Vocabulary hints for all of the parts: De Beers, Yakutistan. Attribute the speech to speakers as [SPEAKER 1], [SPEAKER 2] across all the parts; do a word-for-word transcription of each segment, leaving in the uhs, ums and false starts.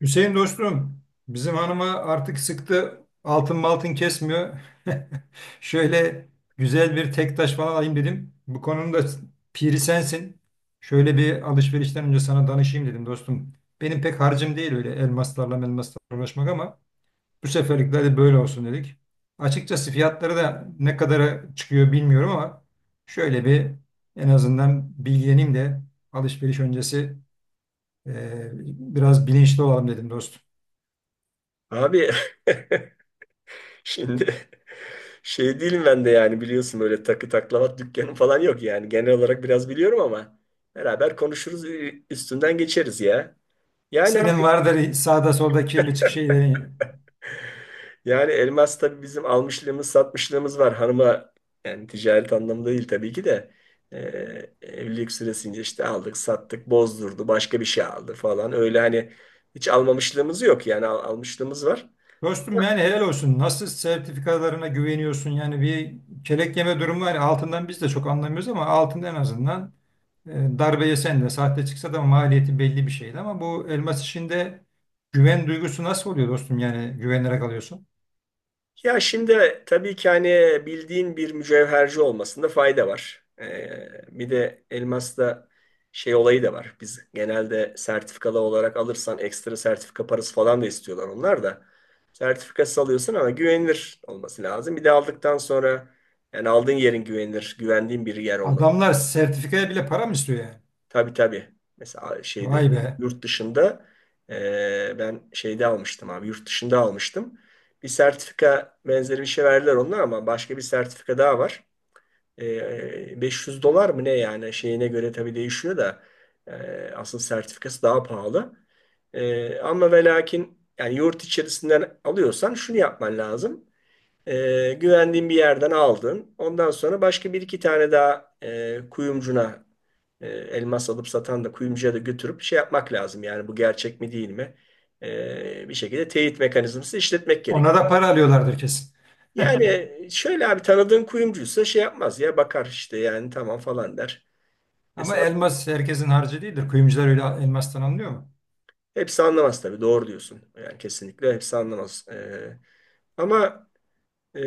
[SPEAKER 1] Hüseyin dostum, bizim hanıma artık sıktı altın maltın kesmiyor. Şöyle güzel bir tek taş falan alayım dedim. Bu konunun da piri sensin. Şöyle bir alışverişten önce sana danışayım dedim dostum. Benim pek harcım değil öyle elmaslarla elmaslarla uğraşmak, ama bu seferlik de hadi böyle olsun dedik. Açıkçası fiyatları da ne kadara çıkıyor bilmiyorum ama şöyle bir en azından bilgileneyim de alışveriş öncesi eee, biraz bilinçli olalım dedim dostum.
[SPEAKER 2] Abi, şimdi şey değilim ben de yani, biliyorsun böyle takı taklavat dükkanım falan yok yani. Genel olarak biraz biliyorum ama beraber konuşuruz, ü- üstünden geçeriz ya. Yani
[SPEAKER 1] Senin
[SPEAKER 2] abi,
[SPEAKER 1] vardır sağda solda kirli çık şeyleri.
[SPEAKER 2] yani elmas tabii bizim almışlığımız satmışlığımız var hanıma, yani ticaret anlamında değil tabii ki de. Ee, Evlilik süresince işte aldık sattık, bozdurdu başka bir şey aldı falan, öyle hani hiç almamışlığımız yok yani al- almışlığımız var.
[SPEAKER 1] Dostum yani helal olsun. Nasıl sertifikalarına güveniyorsun? Yani bir kelek yeme durumu var. Altından biz de çok anlamıyoruz ama altında en azından e, darbe yesen de sahte çıksa da maliyeti belli bir şeydi. Ama bu elmas işinde güven duygusu nasıl oluyor dostum? Yani güvenerek alıyorsun.
[SPEAKER 2] Ya şimdi tabii ki hani bildiğin bir mücevherci olmasında fayda var. Ee, bir de elmasta şey olayı da var. Biz genelde sertifikalı olarak alırsan ekstra sertifika parası falan da istiyorlar onlar da. Sertifikası alıyorsun ama güvenilir olması lazım. Bir de aldıktan sonra yani aldığın yerin güvenilir, güvendiğin bir yer olması.
[SPEAKER 1] Adamlar sertifikaya bile para mı istiyor yani?
[SPEAKER 2] Tabii, tabii. Mesela şeyde,
[SPEAKER 1] Vay be.
[SPEAKER 2] yurt dışında, e, ben şeyde almıştım abi, yurt dışında almıştım. Bir sertifika benzeri bir şey verdiler onlar ama başka bir sertifika daha var. E, beş yüz dolar mı ne, yani şeyine göre tabii değişiyor da e, asıl sertifikası daha pahalı. E, ama ve lakin yani yurt içerisinden alıyorsan şunu yapman lazım. E, güvendiğin bir yerden aldın. Ondan sonra başka bir iki tane daha e, kuyumcuna, e, elmas alıp satan da kuyumcuya da götürüp şey yapmak lazım. Yani bu gerçek mi değil mi? E, bir şekilde teyit mekanizması işletmek gerek.
[SPEAKER 1] Ona da para alıyorlardır kesin.
[SPEAKER 2] Yani şöyle abi, tanıdığın kuyumcuysa şey yapmaz ya, bakar işte, yani tamam falan der. E,
[SPEAKER 1] Ama elmas herkesin harcı değildir. Kuyumcular öyle elmastan anlıyor mu?
[SPEAKER 2] Hepsi anlamaz tabii, doğru diyorsun. Yani kesinlikle hepsi anlamaz. E, ama Ee,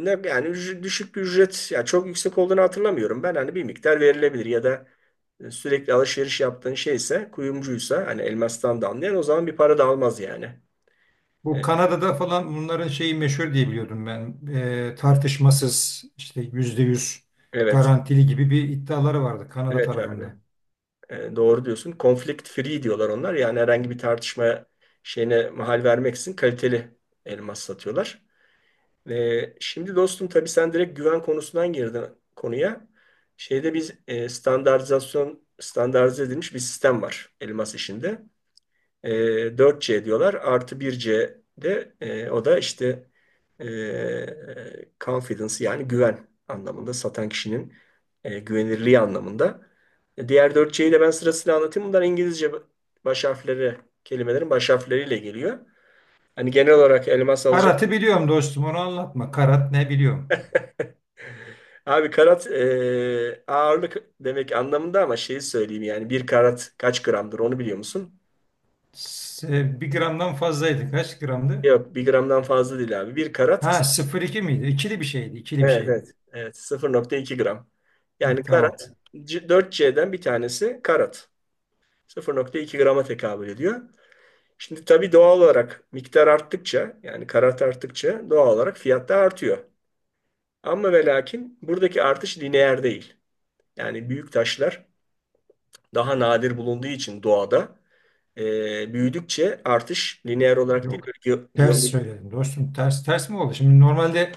[SPEAKER 2] ne yani, ücret- düşük bir ücret, ya çok yüksek olduğunu hatırlamıyorum. Ben hani bir miktar verilebilir, ya da e, sürekli alışveriş yaptığın şeyse, kuyumcuysa hani elmastan da anlayan, o zaman bir para da almaz yani.
[SPEAKER 1] Bu
[SPEAKER 2] E,
[SPEAKER 1] Kanada'da falan bunların şeyi meşhur diye biliyordum ben. Ee, tartışmasız işte yüzde yüz
[SPEAKER 2] Evet.
[SPEAKER 1] garantili gibi bir iddiaları vardı Kanada
[SPEAKER 2] Evet abi.
[SPEAKER 1] tarafında.
[SPEAKER 2] Ee, doğru diyorsun. Conflict free diyorlar onlar. Yani herhangi bir tartışma şeyine mahal vermeksizin kaliteli elmas satıyorlar. Ve şimdi dostum, tabii sen direkt güven konusundan girdin konuya. Şeyde biz e, standartizasyon, standartize edilmiş bir sistem var elmas işinde. E, dört C diyorlar, artı bir c de e, o da işte e, confidence, yani güven anlamında, satan kişinin e, güvenirliği anlamında. E, diğer dört cyi de ben sırasıyla anlatayım. Bunlar İngilizce baş harfleri, kelimelerin baş harfleriyle geliyor. Hani genel olarak elmas alacak.
[SPEAKER 1] Karat'ı biliyorum dostum, onu anlatma. Karat ne biliyorum.
[SPEAKER 2] Abi karat e, ağırlık demek anlamında, ama şeyi söyleyeyim yani bir karat kaç gramdır onu biliyor musun?
[SPEAKER 1] S- bir gramdan fazlaydı. Kaç gramdı?
[SPEAKER 2] Yok, bir gramdan fazla değil abi. Bir karat,
[SPEAKER 1] Ha, sıfır iki miydi? İkili bir şeydi. İkili bir
[SPEAKER 2] evet
[SPEAKER 1] şeydi.
[SPEAKER 2] evet, evet sıfır nokta iki gram. Yani
[SPEAKER 1] Ha, tamam.
[SPEAKER 2] karat, dört cden bir tanesi karat. sıfır nokta iki grama tekabül ediyor. Şimdi tabii doğal olarak miktar arttıkça, yani karat arttıkça doğal olarak fiyat da artıyor. Ama ve lakin buradaki artış lineer değil. Yani büyük taşlar daha nadir bulunduğu için doğada, e, büyüdükçe artış lineer olarak değil,
[SPEAKER 1] Yok.
[SPEAKER 2] böyle ge-
[SPEAKER 1] Ters
[SPEAKER 2] geometrik.
[SPEAKER 1] söyledim dostum. Ters ters mi oldu? Şimdi normalde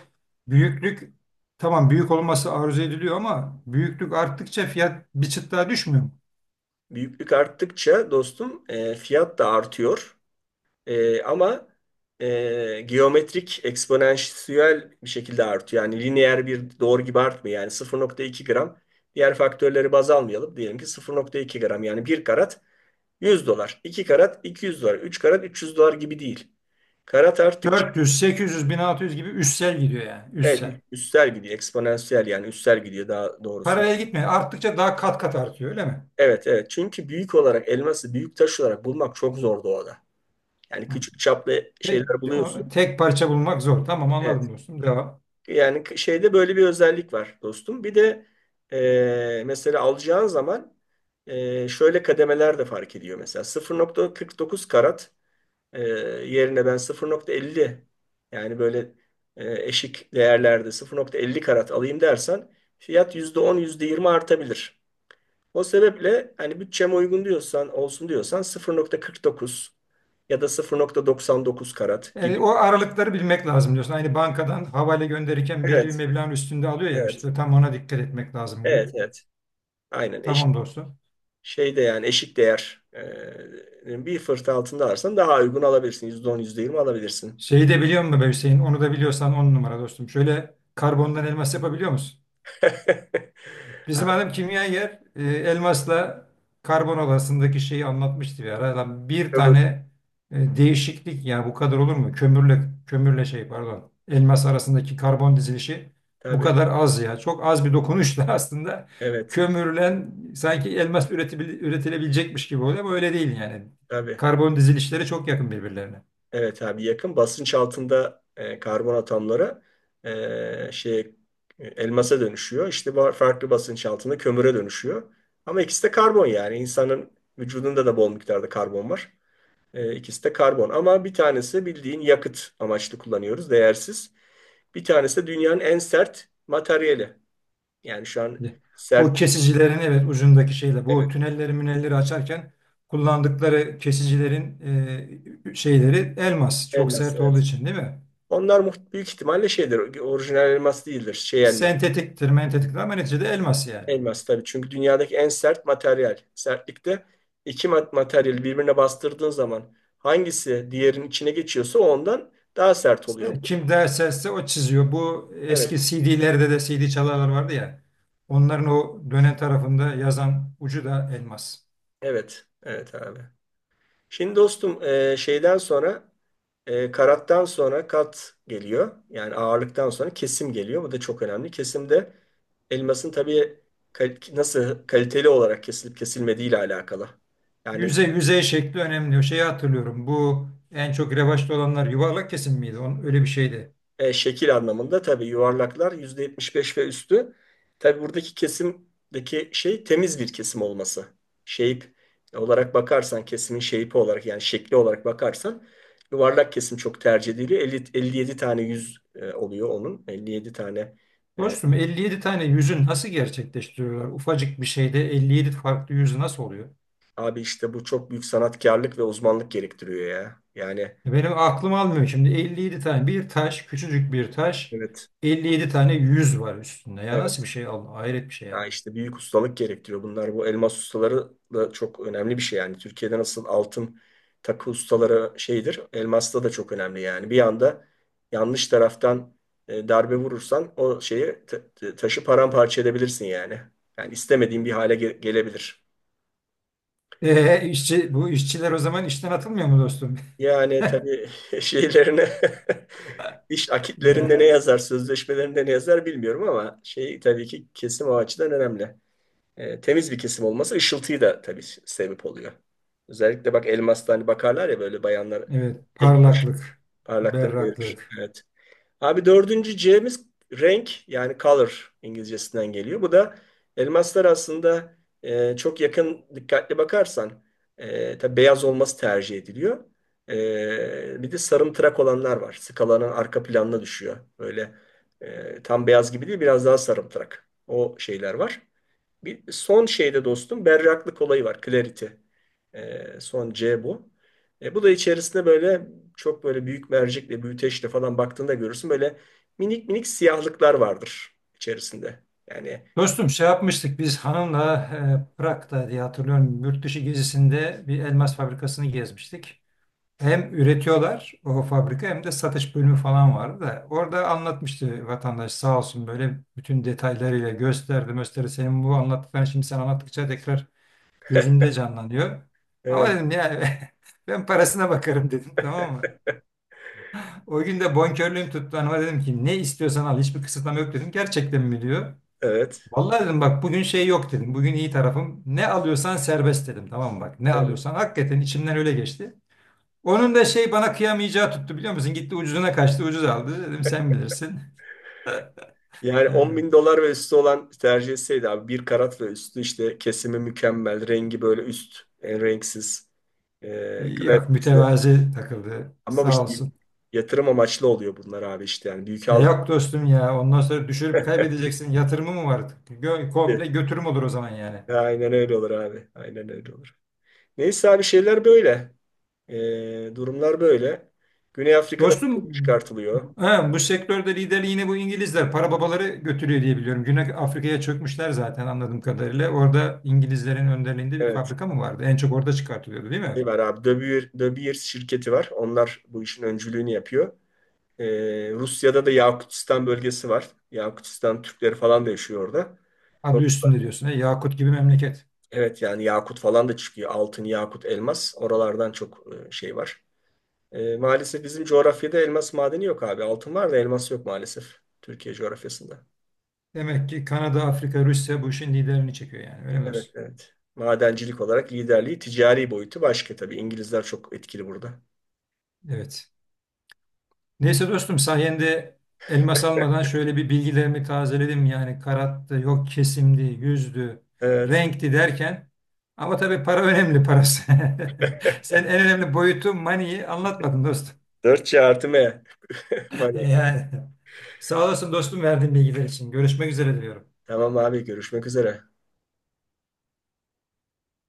[SPEAKER 1] büyüklük, tamam büyük olması arzu ediliyor ama büyüklük arttıkça fiyat bir çıt daha düşmüyor mu?
[SPEAKER 2] Büyüklük arttıkça dostum e, fiyat da artıyor. E, ama e, geometrik, eksponansiyel bir şekilde artıyor. Yani lineer bir doğru gibi artmıyor. Yani sıfır nokta iki gram, diğer faktörleri baz almayalım. Diyelim ki sıfır nokta iki gram yani bir karat yüz dolar, iki karat iki yüz dolar, üç karat üç yüz dolar gibi değil. Karat arttıkça.
[SPEAKER 1] dört yüz, sekiz yüz, bin altı yüz gibi üstsel gidiyor yani.
[SPEAKER 2] Evet,
[SPEAKER 1] Üstsel.
[SPEAKER 2] ü- üstel gidiyor. Eksponansiyel, yani üstel gidiyor daha doğrusu.
[SPEAKER 1] Paralel gitmiyor. Arttıkça daha kat kat artıyor öyle mi?
[SPEAKER 2] Evet, evet. Çünkü büyük olarak elması, büyük taş olarak bulmak çok zor doğada. Yani
[SPEAKER 1] Hı.
[SPEAKER 2] küçük çaplı şeyler
[SPEAKER 1] te-
[SPEAKER 2] buluyorsun.
[SPEAKER 1] o- Tek, parça bulmak zor. Tamam
[SPEAKER 2] Evet.
[SPEAKER 1] anladım dostum. Devam.
[SPEAKER 2] Yani k- şeyde böyle bir özellik var dostum. Bir de e, mesela alacağın zaman e, şöyle kademeler de fark ediyor. Mesela sıfır nokta kırk dokuz karat e, yerine ben sıfır nokta elli, yani böyle e, eşik değerlerde sıfır nokta elli karat alayım dersen fiyat yüzde on, yüzde yirmi artabilir. O sebeple hani bütçeme uygun diyorsan, olsun diyorsan sıfır nokta kırk dokuz ya da sıfır nokta doksan dokuz karat
[SPEAKER 1] E,
[SPEAKER 2] gibi.
[SPEAKER 1] o aralıkları bilmek lazım diyorsun. Aynı bankadan havale gönderirken belli bir
[SPEAKER 2] Evet,
[SPEAKER 1] meblağın üstünde alıyor ya,
[SPEAKER 2] evet,
[SPEAKER 1] işte tam ona dikkat etmek lazım
[SPEAKER 2] evet,
[SPEAKER 1] gibi.
[SPEAKER 2] evet. Aynen, eşik
[SPEAKER 1] Tamam dostum.
[SPEAKER 2] şeyde yani eşik değer, e, bir fırt altında alırsan daha uygun alabilirsin. yüzde on, yüzde yirmi alabilirsin.
[SPEAKER 1] Şeyi de biliyor musun be Hüseyin? Onu da biliyorsan on numara dostum. Şöyle karbondan elmas yapabiliyor musun? Bizim
[SPEAKER 2] Abi,
[SPEAKER 1] adam kimyager, e, elmasla karbon odasındaki şeyi anlatmıştı bir ara. Lan bir
[SPEAKER 2] ömür.
[SPEAKER 1] tane e, değişiklik yani bu kadar olur mu? Kömürle kömürle şey pardon, elmas arasındaki karbon dizilişi bu
[SPEAKER 2] Tabii,
[SPEAKER 1] kadar az ya. Çok az bir dokunuşla aslında
[SPEAKER 2] evet,
[SPEAKER 1] kömürlen sanki elmas üretebil- üretilebilecekmiş gibi oluyor ama öyle değil yani.
[SPEAKER 2] tabii.
[SPEAKER 1] Karbon dizilişleri çok yakın birbirlerine.
[SPEAKER 2] Evet abi, yakın. Basınç altında e, karbon atomları e, şey e, elmasa dönüşüyor. İşte ba- farklı basınç altında kömüre dönüşüyor. Ama ikisi de karbon yani. İnsanın vücudunda da bol miktarda karbon var. E, ikisi de karbon. Ama bir tanesi bildiğin yakıt amaçlı kullanıyoruz. Değersiz. Bir tanesi de dünyanın en sert materyali. Yani şu an
[SPEAKER 1] Bu
[SPEAKER 2] sert,
[SPEAKER 1] kesicilerin, evet, ucundaki şeyle bu
[SPEAKER 2] evet,
[SPEAKER 1] tünelleri münelleri açarken kullandıkları kesicilerin e, şeyleri elmas. Çok
[SPEAKER 2] elmas,
[SPEAKER 1] sert olduğu
[SPEAKER 2] evet.
[SPEAKER 1] için değil mi?
[SPEAKER 2] Onlar muht- büyük ihtimalle şeydir. Orijinal elmas değildir. Şey elmas.
[SPEAKER 1] Sentetiktir, mentetiktir ama neticede elmas yani.
[SPEAKER 2] Elmas tabii, çünkü dünyadaki en sert materyal. Sertlikte iki mat- materyali birbirine bastırdığın zaman hangisi diğerinin içine geçiyorsa o ondan daha sert oluyor.
[SPEAKER 1] İşte kim derse o çiziyor. Bu
[SPEAKER 2] Evet,
[SPEAKER 1] eski C D'lerde de C D çalarlar vardı ya. Onların o dönen tarafında yazan ucu da elmas.
[SPEAKER 2] evet, evet abi. Şimdi dostum e, şeyden sonra, e, karattan sonra kat geliyor. Yani ağırlıktan sonra kesim geliyor. Bu da çok önemli. Kesimde elmasın tabii kal- nasıl kaliteli olarak kesilip kesilmediği ile alakalı. Yani
[SPEAKER 1] Yüzey, yüzey şekli önemli. O şeyi hatırlıyorum. Bu en çok revaçta olanlar yuvarlak kesim miydi? Onun, öyle bir şeydi.
[SPEAKER 2] E, şekil anlamında tabii yuvarlaklar yüzde yetmiş beş ve üstü. Tabii buradaki kesimdeki şey, temiz bir kesim olması. Shape olarak bakarsan, kesimin shape olarak, yani şekli olarak bakarsan yuvarlak kesim çok tercih ediliyor. elli, elli yedi tane yüz e, oluyor onun. elli yedi tane. E,
[SPEAKER 1] Dostum, elli yedi tane yüzü nasıl gerçekleştiriyorlar? Ufacık bir şeyde elli yedi farklı yüzü nasıl oluyor?
[SPEAKER 2] abi işte bu çok büyük sanatkarlık ve uzmanlık gerektiriyor ya. Yani
[SPEAKER 1] E, Benim aklım almıyor şimdi, elli yedi tane bir taş, küçücük bir taş,
[SPEAKER 2] evet,
[SPEAKER 1] elli yedi tane yüz var üstünde. Ya,
[SPEAKER 2] evet.
[SPEAKER 1] nasıl bir şey Allah, hayret bir şey
[SPEAKER 2] Ya
[SPEAKER 1] ya.
[SPEAKER 2] işte büyük ustalık gerektiriyor bunlar. Bu elmas ustaları da çok önemli bir şey yani. Türkiye'de nasıl altın takı ustaları şeydir, elmasta da çok önemli yani. Bir anda yanlış taraftan e, darbe vurursan o şeyi ta- ta- taşı paramparça edebilirsin yani. Yani istemediğin bir hale ge- gelebilir.
[SPEAKER 1] Ee, işçi, bu işçiler o zaman işten atılmıyor mu dostum?
[SPEAKER 2] Yani tabii, şeylerine iş akitlerinde ne
[SPEAKER 1] Ya,
[SPEAKER 2] yazar, sözleşmelerinde ne yazar bilmiyorum ama şey, tabii ki kesim o açıdan önemli. E, temiz bir kesim olması ışıltıyı da tabii sebep oluyor. Özellikle bak, elmasta hani bakarlar ya böyle bayanlar,
[SPEAKER 1] evet,
[SPEAKER 2] tek
[SPEAKER 1] parlaklık,
[SPEAKER 2] parlaklığını verir.
[SPEAKER 1] berraklık.
[SPEAKER 2] Evet. Abi, dördüncü C'miz renk, yani color İngilizcesinden geliyor. Bu da elmaslar aslında e, çok yakın dikkatli bakarsan, e, tabii beyaz olması tercih ediliyor. E, bir de sarımtırak olanlar var. Skalanın arka planına düşüyor. Böyle e, tam beyaz gibi değil, biraz daha sarımtırak. O şeyler var. Bir son şeyde dostum, berraklık olayı var. Clarity. Ee, son C bu. E, bu da içerisinde böyle çok böyle büyük mercekle, büyüteçle falan baktığında görürsün. Böyle minik minik siyahlıklar vardır içerisinde. Yani
[SPEAKER 1] Dostum, şey yapmıştık biz hanımla, e, Prag'da diye hatırlıyorum, yurt dışı gezisinde bir elmas fabrikasını gezmiştik. Hem üretiyorlar o fabrika hem de satış bölümü falan vardı da orada anlatmıştı vatandaş, sağ olsun, böyle bütün detaylarıyla gösterdi gösterdi, senin bu anlattıkların şimdi sen anlattıkça tekrar gözümde canlanıyor. Ama
[SPEAKER 2] evet,
[SPEAKER 1] dedim ya, ben parasına bakarım dedim, tamam mı? O gün de bonkörlüğüm tuttu, hanıma dedim ki ne istiyorsan al, hiçbir kısıtlama yok dedim. Gerçekten mi diyor.
[SPEAKER 2] evet,
[SPEAKER 1] Vallahi dedim, bak bugün şey yok dedim. Bugün iyi tarafım. Ne alıyorsan serbest dedim. Tamam mı? Bak ne
[SPEAKER 2] evet.
[SPEAKER 1] alıyorsan, hakikaten içimden öyle geçti. Onun da şey, bana kıyamayacağı tuttu biliyor musun? Gitti ucuzuna kaçtı, ucuz aldı. Dedim sen bilirsin.
[SPEAKER 2] Yani 10
[SPEAKER 1] Ee,
[SPEAKER 2] bin dolar ve üstü olan tercih etseydi abi, bir karat ve üstü, işte kesimi mükemmel, rengi böyle üst, en renksiz. E,
[SPEAKER 1] Yok,
[SPEAKER 2] kalitesi.
[SPEAKER 1] mütevazi takıldı.
[SPEAKER 2] Ama bu
[SPEAKER 1] Sağ
[SPEAKER 2] işte
[SPEAKER 1] olsun.
[SPEAKER 2] yatırım amaçlı oluyor bunlar abi, işte yani büyük
[SPEAKER 1] E,
[SPEAKER 2] aldık.
[SPEAKER 1] yok dostum ya, ondan sonra düşürüp kaybedeceksin. Yatırımı mı var? Gö- komple götürüm olur o zaman yani.
[SPEAKER 2] Aynen öyle olur abi. Aynen öyle olur. Neyse abi, şeyler böyle. Ee, durumlar böyle. Güney Afrika'da
[SPEAKER 1] Dostum,
[SPEAKER 2] çok çıkartılıyor.
[SPEAKER 1] he, bu sektörde liderliğini bu İngilizler para babaları götürüyor diye biliyorum. Güney Afrika'ya çökmüşler zaten anladığım kadarıyla. Orada İngilizlerin önderliğinde bir
[SPEAKER 2] Evet.
[SPEAKER 1] fabrika mı vardı? En çok orada çıkartılıyordu değil mi?
[SPEAKER 2] Şey var abi. De Beer, De Beers şirketi var. Onlar bu işin öncülüğünü yapıyor. Ee, Rusya'da da Yakutistan bölgesi var. Yakutistan Türkleri falan da yaşıyor orada.
[SPEAKER 1] Adı üstünde diyorsun. He, Yakut gibi memleket.
[SPEAKER 2] Evet, yani Yakut falan da çıkıyor. Altın, Yakut, elmas. Oralardan çok e, şey var. E, maalesef bizim coğrafyada elmas madeni yok abi. Altın var da elmas yok maalesef. Türkiye coğrafyasında.
[SPEAKER 1] Demek ki Kanada, Afrika, Rusya bu işin liderini çekiyor yani. Öyle mi
[SPEAKER 2] Evet,
[SPEAKER 1] dostum?
[SPEAKER 2] evet. Madencilik olarak liderliği, ticari boyutu başka tabii. İngilizler çok etkili burada.
[SPEAKER 1] Evet. Neyse dostum, sayende elmas almadan şöyle bir bilgilerimi tazeledim. Yani karattı, yok kesimdi, yüzdü,
[SPEAKER 2] Evet.
[SPEAKER 1] renkti derken. Ama tabii para önemli, parası. Sen en önemli boyutu money'i anlatmadın dostum.
[SPEAKER 2] Dört c artı M. Money.
[SPEAKER 1] Yani sağ olasın dostum verdiğin bilgiler için. Görüşmek üzere diyorum.
[SPEAKER 2] Tamam abi, görüşmek üzere.